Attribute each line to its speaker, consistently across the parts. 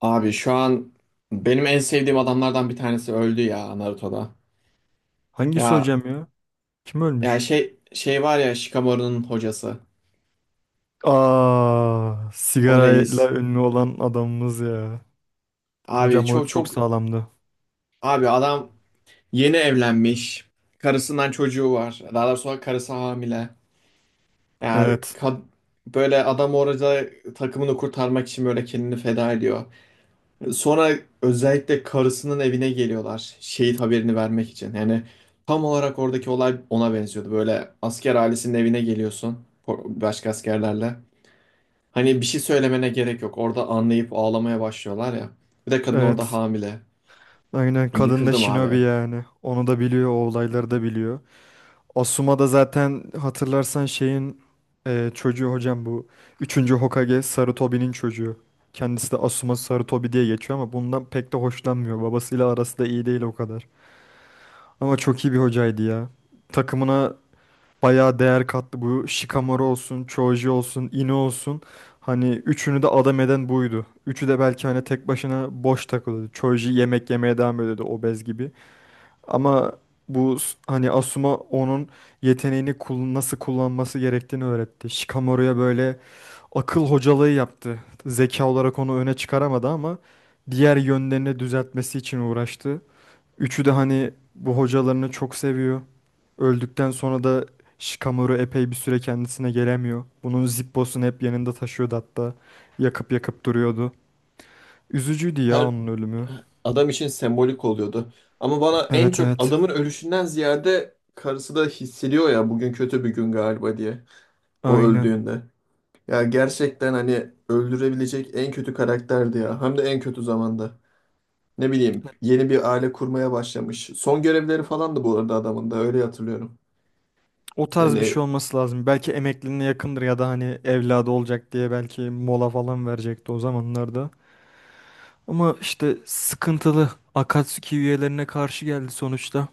Speaker 1: Abi şu an benim en sevdiğim adamlardan bir tanesi öldü ya Naruto'da.
Speaker 2: Hangisi
Speaker 1: Ya
Speaker 2: hocam ya? Kim
Speaker 1: ya
Speaker 2: ölmüş?
Speaker 1: şey var ya, Shikamaru'nun hocası.
Speaker 2: Aa,
Speaker 1: O reis.
Speaker 2: sigarayla ünlü olan adamımız ya.
Speaker 1: Abi,
Speaker 2: Hocam o
Speaker 1: çok
Speaker 2: çok
Speaker 1: çok.
Speaker 2: sağlamdı.
Speaker 1: Abi, adam yeni evlenmiş. Karısından çocuğu var. Daha doğrusu karısı hamile. Yani
Speaker 2: Evet.
Speaker 1: kad- Böyle adam orada takımını kurtarmak için böyle kendini feda ediyor. Sonra özellikle karısının evine geliyorlar şehit haberini vermek için. Yani tam olarak oradaki olay ona benziyordu. Böyle asker ailesinin evine geliyorsun başka askerlerle. Hani bir şey söylemene gerek yok. Orada anlayıp ağlamaya başlıyorlar ya. Bir de kadın orada
Speaker 2: Evet.
Speaker 1: hamile.
Speaker 2: Aynen kadın da
Speaker 1: Yıkıldım
Speaker 2: Shinobi
Speaker 1: abi.
Speaker 2: yani. Onu da biliyor, o olayları da biliyor. Asuma da zaten hatırlarsan şeyin çocuğu hocam bu. Üçüncü Hokage Sarutobi'nin çocuğu. Kendisi de Asuma Sarutobi diye geçiyor ama bundan pek de hoşlanmıyor. Babasıyla arası da iyi değil o kadar. Ama çok iyi bir hocaydı ya. Takımına bayağı değer katlı Bu Shikamaru olsun, Choji olsun, Ino olsun. Hani üçünü de adam eden buydu. Üçü de belki hani tek başına boş takılıyordu. Choji yemek yemeye devam ediyordu obez gibi. Ama bu hani Asuma onun yeteneğini nasıl kullanması gerektiğini öğretti. Shikamaru'ya böyle akıl hocalığı yaptı. Zeka olarak onu öne çıkaramadı ama diğer yönlerini düzeltmesi için uğraştı. Üçü de hani bu hocalarını çok seviyor. Öldükten sonra da Shikamaru epey bir süre kendisine gelemiyor. Bunun Zippo'sunu hep yanında taşıyordu hatta. Yakıp yakıp duruyordu. Üzücüydü ya
Speaker 1: Her
Speaker 2: onun ölümü.
Speaker 1: adam için sembolik oluyordu. Ama bana en
Speaker 2: Evet
Speaker 1: çok
Speaker 2: evet.
Speaker 1: adamın ölüşünden ziyade karısı da hissediyor ya bugün kötü bir gün galiba diye. O
Speaker 2: Aynen.
Speaker 1: öldüğünde. Ya gerçekten hani öldürebilecek en kötü karakterdi ya. Hem de en kötü zamanda. Ne bileyim yeni bir aile kurmaya başlamış. Son görevleri falan da bu arada adamın da öyle hatırlıyorum.
Speaker 2: O tarz bir
Speaker 1: Hani
Speaker 2: şey olması lazım. Belki emekliliğine yakındır ya da hani evladı olacak diye belki mola falan verecekti o zamanlarda. Ama işte sıkıntılı. Akatsuki üyelerine karşı geldi sonuçta.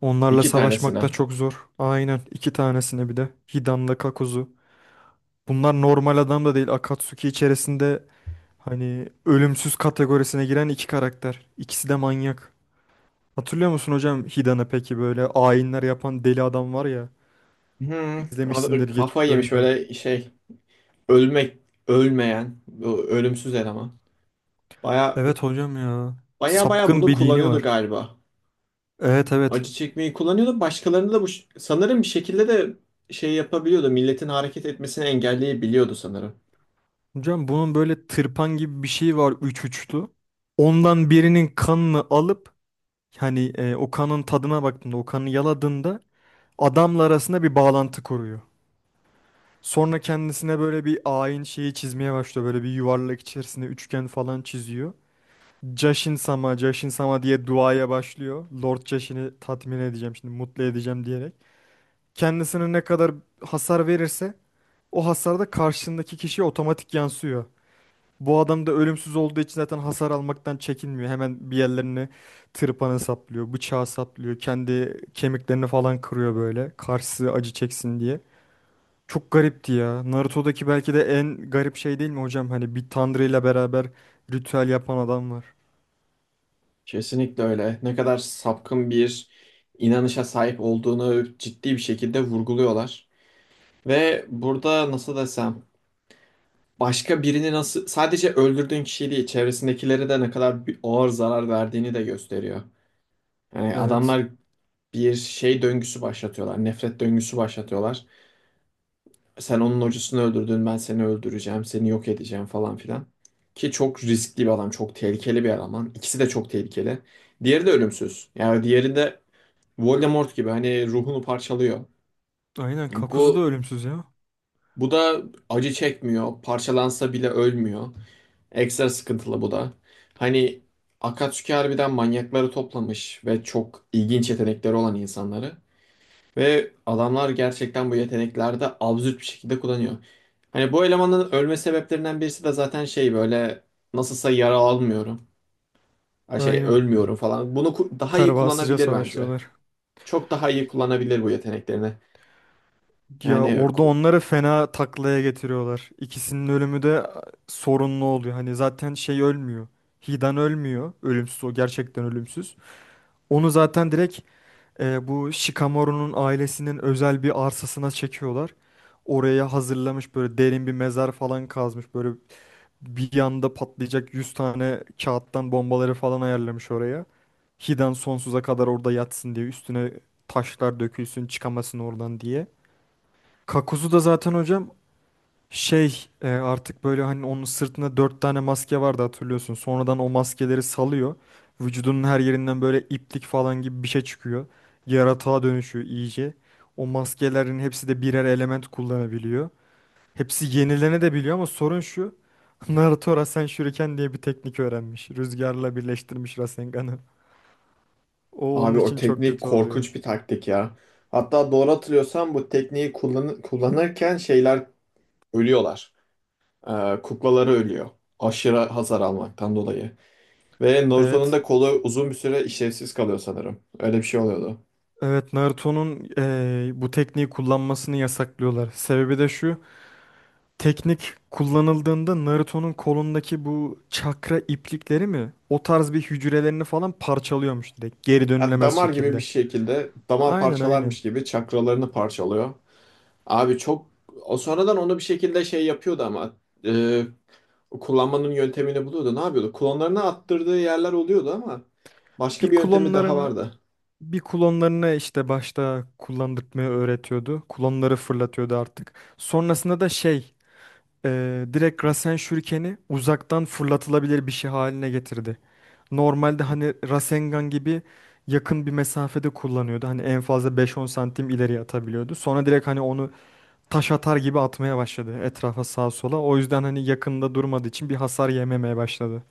Speaker 2: Onlarla
Speaker 1: iki
Speaker 2: savaşmak da
Speaker 1: tanesine.
Speaker 2: çok zor. Aynen. İki tanesine bir de. Hidan'la Kakuzu. Bunlar normal adam da değil. Akatsuki içerisinde hani ölümsüz kategorisine giren iki karakter. İkisi de manyak. Hatırlıyor musun hocam Hidan'ı peki böyle ayinler yapan deli adam var ya.
Speaker 1: Hmm,
Speaker 2: İzlemişsindir
Speaker 1: kafa
Speaker 2: geçmiş
Speaker 1: yemiş
Speaker 2: bölümlerde.
Speaker 1: böyle şey, ölmek ölmeyen bu ölümsüz eleman. Baya
Speaker 2: Evet hocam ya.
Speaker 1: baya baya
Speaker 2: Sapkın
Speaker 1: bunu
Speaker 2: bir dini
Speaker 1: kullanıyordu
Speaker 2: var.
Speaker 1: galiba.
Speaker 2: Evet evet.
Speaker 1: Acı çekmeyi kullanıyordu. Başkalarını da bu sanırım bir şekilde de şey yapabiliyordu. Milletin hareket etmesini engelleyebiliyordu sanırım.
Speaker 2: Hocam bunun böyle tırpan gibi bir şey var üç uçlu. Ondan birinin kanını alıp hani o kanın tadına baktığında o kanı yaladığında adamla arasında bir bağlantı kuruyor. Sonra kendisine böyle bir ayin şeyi çizmeye başlıyor. Böyle bir yuvarlak içerisinde üçgen falan çiziyor. Jashin sama, Jashin sama diye duaya başlıyor. Lord Jashin'i tatmin edeceğim şimdi, mutlu edeceğim diyerek. Kendisine ne kadar hasar verirse o hasar da karşındaki kişiye otomatik yansıyor. Bu adam da ölümsüz olduğu için zaten hasar almaktan çekinmiyor. Hemen bir yerlerini tırpanı saplıyor, bıçağı saplıyor, kendi kemiklerini falan kırıyor böyle. Karşısı acı çeksin diye. Çok garipti ya. Naruto'daki belki de en garip şey değil mi hocam? Hani bir tanrı ile beraber ritüel yapan adam var.
Speaker 1: Kesinlikle öyle. Ne kadar sapkın bir inanışa sahip olduğunu ciddi bir şekilde vurguluyorlar. Ve burada nasıl desem, başka birini, nasıl sadece öldürdüğün kişi değil çevresindekilere de ne kadar bir ağır zarar verdiğini de gösteriyor. Yani
Speaker 2: Evet.
Speaker 1: adamlar bir şey döngüsü başlatıyorlar. Nefret döngüsü başlatıyorlar. Sen onun hocasını öldürdün, ben seni öldüreceğim, seni yok edeceğim falan filan. Ki çok riskli bir adam, çok tehlikeli bir eleman. İkisi de çok tehlikeli. Diğeri de ölümsüz. Yani diğeri de Voldemort gibi hani ruhunu parçalıyor.
Speaker 2: Aynen. Kakuzu da
Speaker 1: Bu
Speaker 2: ölümsüz ya.
Speaker 1: bu da acı çekmiyor. Parçalansa bile ölmüyor. Ekstra sıkıntılı bu da. Hani Akatsuki harbiden manyakları toplamış ve çok ilginç yetenekleri olan insanları. Ve adamlar gerçekten bu yetenekleri de absürt bir şekilde kullanıyor. Hani bu elemanın ölme sebeplerinden birisi de zaten şey, böyle nasılsa yara almıyorum. Ha, şey
Speaker 2: Aynen.
Speaker 1: ölmüyorum falan. Daha iyi
Speaker 2: Pervasızca
Speaker 1: kullanabilir bence.
Speaker 2: savaşıyorlar.
Speaker 1: Çok daha iyi kullanabilir bu yeteneklerini.
Speaker 2: Ya
Speaker 1: Yani
Speaker 2: orada
Speaker 1: ku-
Speaker 2: onları fena taklaya getiriyorlar. İkisinin ölümü de sorunlu oluyor. Hani zaten şey ölmüyor. Hidan ölmüyor. Ölümsüz o gerçekten ölümsüz. Onu zaten direkt bu Shikamaru'nun ailesinin özel bir arsasına çekiyorlar. Oraya hazırlamış böyle derin bir mezar falan kazmış. Böyle bir yanda patlayacak 100 tane kağıttan bombaları falan ayarlamış oraya. Hiden sonsuza kadar orada yatsın diye üstüne taşlar dökülsün çıkamasın oradan diye. Kakuzu da zaten hocam şey artık böyle hani onun sırtında dört tane maske vardı hatırlıyorsun. Sonradan o maskeleri salıyor. Vücudunun her yerinden böyle iplik falan gibi bir şey çıkıyor. Yaratığa dönüşüyor iyice. O maskelerin hepsi de birer element kullanabiliyor. Hepsi yenilene de biliyor ama sorun şu. Naruto Rasen Shuriken diye bir teknik öğrenmiş. Rüzgarla birleştirmiş Rasengan'ı. O onun
Speaker 1: Abi, o
Speaker 2: için çok
Speaker 1: teknik
Speaker 2: kötü oluyor.
Speaker 1: korkunç bir taktik ya. Hatta doğru hatırlıyorsam bu tekniği kullanırken şeyler ölüyorlar. Kuklaları ölüyor. Aşırı hasar almaktan dolayı. Ve Naruto'nun
Speaker 2: Evet.
Speaker 1: da kolu uzun bir süre işlevsiz kalıyor sanırım. Öyle bir şey oluyordu.
Speaker 2: Evet Naruto'nun bu tekniği kullanmasını yasaklıyorlar. Sebebi de şu. Teknik kullanıldığında Naruto'nun kolundaki bu çakra iplikleri mi? O tarz bir hücrelerini falan parçalıyormuş direkt. Geri
Speaker 1: Ya
Speaker 2: dönülemez
Speaker 1: damar gibi, bir
Speaker 2: şekilde.
Speaker 1: şekilde damar
Speaker 2: Aynen aynen.
Speaker 1: parçalarmış gibi çakralarını parçalıyor. Abi çok, o sonradan onu bir şekilde şey yapıyordu ama e, kullanmanın yöntemini buluyordu. Ne yapıyordu? Klonlarını attırdığı yerler oluyordu ama
Speaker 2: Bir
Speaker 1: başka bir yöntemi daha
Speaker 2: klonlarını
Speaker 1: vardı.
Speaker 2: Bir klonlarını işte başta kullandırtmayı öğretiyordu. Klonları fırlatıyordu artık. Sonrasında da şey direkt Rasen Shuriken'i uzaktan fırlatılabilir bir şey haline getirdi. Normalde hani Rasengan gibi yakın bir mesafede kullanıyordu. Hani en fazla beş on santim ileriye atabiliyordu. Sonra direkt hani onu taş atar gibi atmaya başladı etrafa sağa sola. O yüzden hani yakında durmadığı için bir hasar yememeye başladı.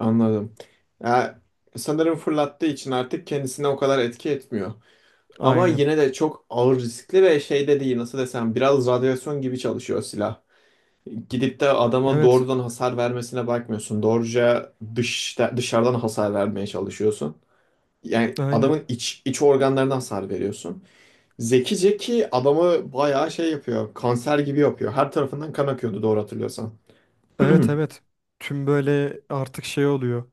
Speaker 1: Anladım. Ya, sanırım fırlattığı için artık kendisine o kadar etki etmiyor. Ama
Speaker 2: Aynen.
Speaker 1: yine de çok ağır riskli ve şey de değil, nasıl desem, biraz radyasyon gibi çalışıyor silah. Gidip de adama
Speaker 2: Evet.
Speaker 1: doğrudan hasar vermesine bakmıyorsun. Doğruca dışarıdan hasar vermeye çalışıyorsun. Yani
Speaker 2: Aynen.
Speaker 1: adamın iç organlarına hasar veriyorsun. Zekice ki adamı bayağı şey yapıyor. Kanser gibi yapıyor. Her tarafından kan akıyordu doğru hatırlıyorsan.
Speaker 2: Evet evet. Tüm böyle artık şey oluyor.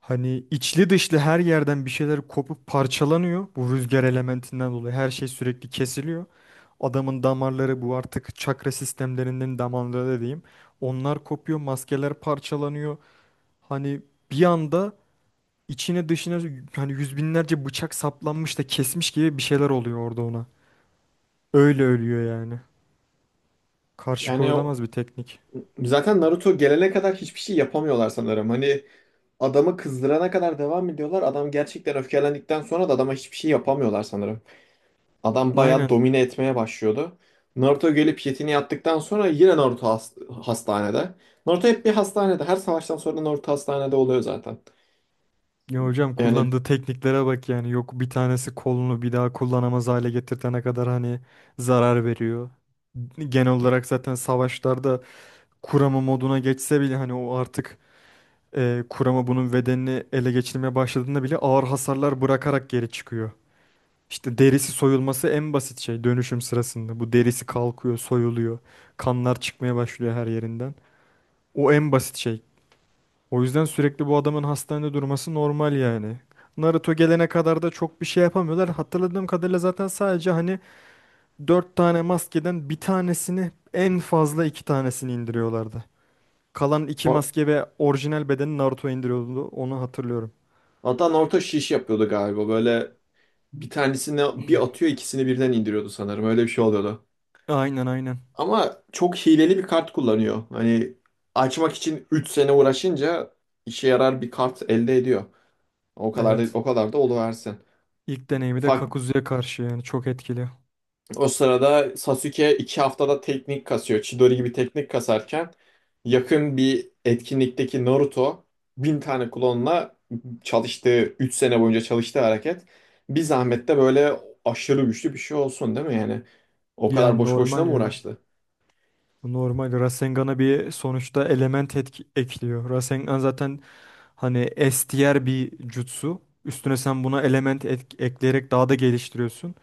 Speaker 2: Hani içli dışlı her yerden bir şeyler kopup parçalanıyor. Bu rüzgar elementinden dolayı her şey sürekli kesiliyor. Adamın damarları bu artık çakra sistemlerinin damarları diyeyim. Onlar kopuyor, maskeler parçalanıyor. Hani bir anda içine dışına hani yüz binlerce bıçak saplanmış da kesmiş gibi bir şeyler oluyor orada ona. Öyle ölüyor yani. Karşı
Speaker 1: Yani o-
Speaker 2: koyulamaz bir teknik.
Speaker 1: Zaten Naruto gelene kadar hiçbir şey yapamıyorlar sanırım. Hani adamı kızdırana kadar devam ediyorlar. Adam gerçekten öfkelendikten sonra da adama hiçbir şey yapamıyorlar sanırım. Adam bayağı
Speaker 2: Aynen.
Speaker 1: domine etmeye başlıyordu. Naruto gelip yetini yaptıktan sonra yine Naruto hastanede. Naruto hep bir hastanede. Her savaştan sonra Naruto hastanede oluyor zaten.
Speaker 2: Ya hocam
Speaker 1: Yani
Speaker 2: kullandığı tekniklere bak yani yok bir tanesi kolunu bir daha kullanamaz hale getirtene kadar hani zarar veriyor. Genel olarak zaten savaşlarda kurama moduna geçse bile hani o artık kurama bunun bedenini ele geçirmeye başladığında bile ağır hasarlar bırakarak geri çıkıyor. İşte derisi soyulması en basit şey dönüşüm sırasında. Bu derisi kalkıyor, soyuluyor. Kanlar çıkmaya başlıyor her yerinden. O en basit şey. O yüzden sürekli bu adamın hastanede durması normal yani. Naruto gelene kadar da çok bir şey yapamıyorlar. Hatırladığım kadarıyla zaten sadece hani 4 tane maskeden bir tanesini en fazla 2 tanesini indiriyorlardı. Kalan 2 maske ve orijinal bedeni Naruto indiriyordu. Onu hatırlıyorum.
Speaker 1: Adnan orta şiş yapıyordu galiba. Böyle bir tanesini bir atıyor, ikisini birden indiriyordu sanırım. Öyle bir şey oluyordu.
Speaker 2: Aynen aynen.
Speaker 1: Ama çok hileli bir kart kullanıyor. Hani açmak için 3 sene uğraşınca işe yarar bir kart elde ediyor. O kadar da,
Speaker 2: Evet.
Speaker 1: o kadar da oluversin.
Speaker 2: İlk deneyimi de Kakuzu'ya karşı yani çok etkili.
Speaker 1: O sırada Sasuke 2 haftada teknik kasıyor. Chidori gibi teknik kasarken, yakın bir etkinlikteki Naruto 1000 tane klonla çalıştığı, 3 sene boyunca çalıştığı hareket bir zahmette böyle aşırı güçlü bir şey olsun değil mi yani? O kadar
Speaker 2: Yani
Speaker 1: boşuna
Speaker 2: normal
Speaker 1: mı
Speaker 2: ya.
Speaker 1: uğraştı?
Speaker 2: Normal Rasengan'a bir sonuçta element ekliyor. Rasengan zaten hani S tier bir jutsu. Üstüne sen buna element ekleyerek daha da geliştiriyorsun.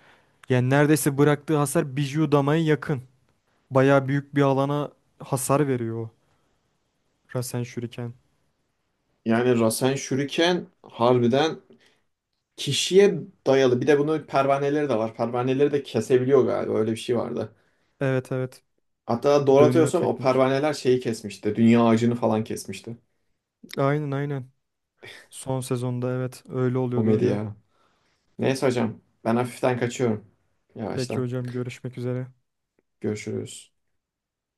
Speaker 2: Yani neredeyse bıraktığı hasar Biju Dama'ya yakın. Bayağı büyük bir alana hasar veriyor o Rasen Shuriken.
Speaker 1: Yani Rasen Shuriken harbiden kişiye dayalı. Bir de bunun pervaneleri de var. Pervaneleri de kesebiliyor galiba. Öyle bir şey vardı.
Speaker 2: Evet evet
Speaker 1: Hatta doğru
Speaker 2: dönüyor
Speaker 1: hatırlıyorsam o
Speaker 2: teknik.
Speaker 1: pervaneler şeyi kesmişti. Dünya ağacını falan kesmişti.
Speaker 2: Aynen aynen. Son sezonda evet öyle
Speaker 1: O
Speaker 2: oluyordu hocam.
Speaker 1: medya. Neyse hocam, ben hafiften kaçıyorum.
Speaker 2: Peki
Speaker 1: Yavaştan.
Speaker 2: hocam görüşmek üzere.
Speaker 1: Görüşürüz.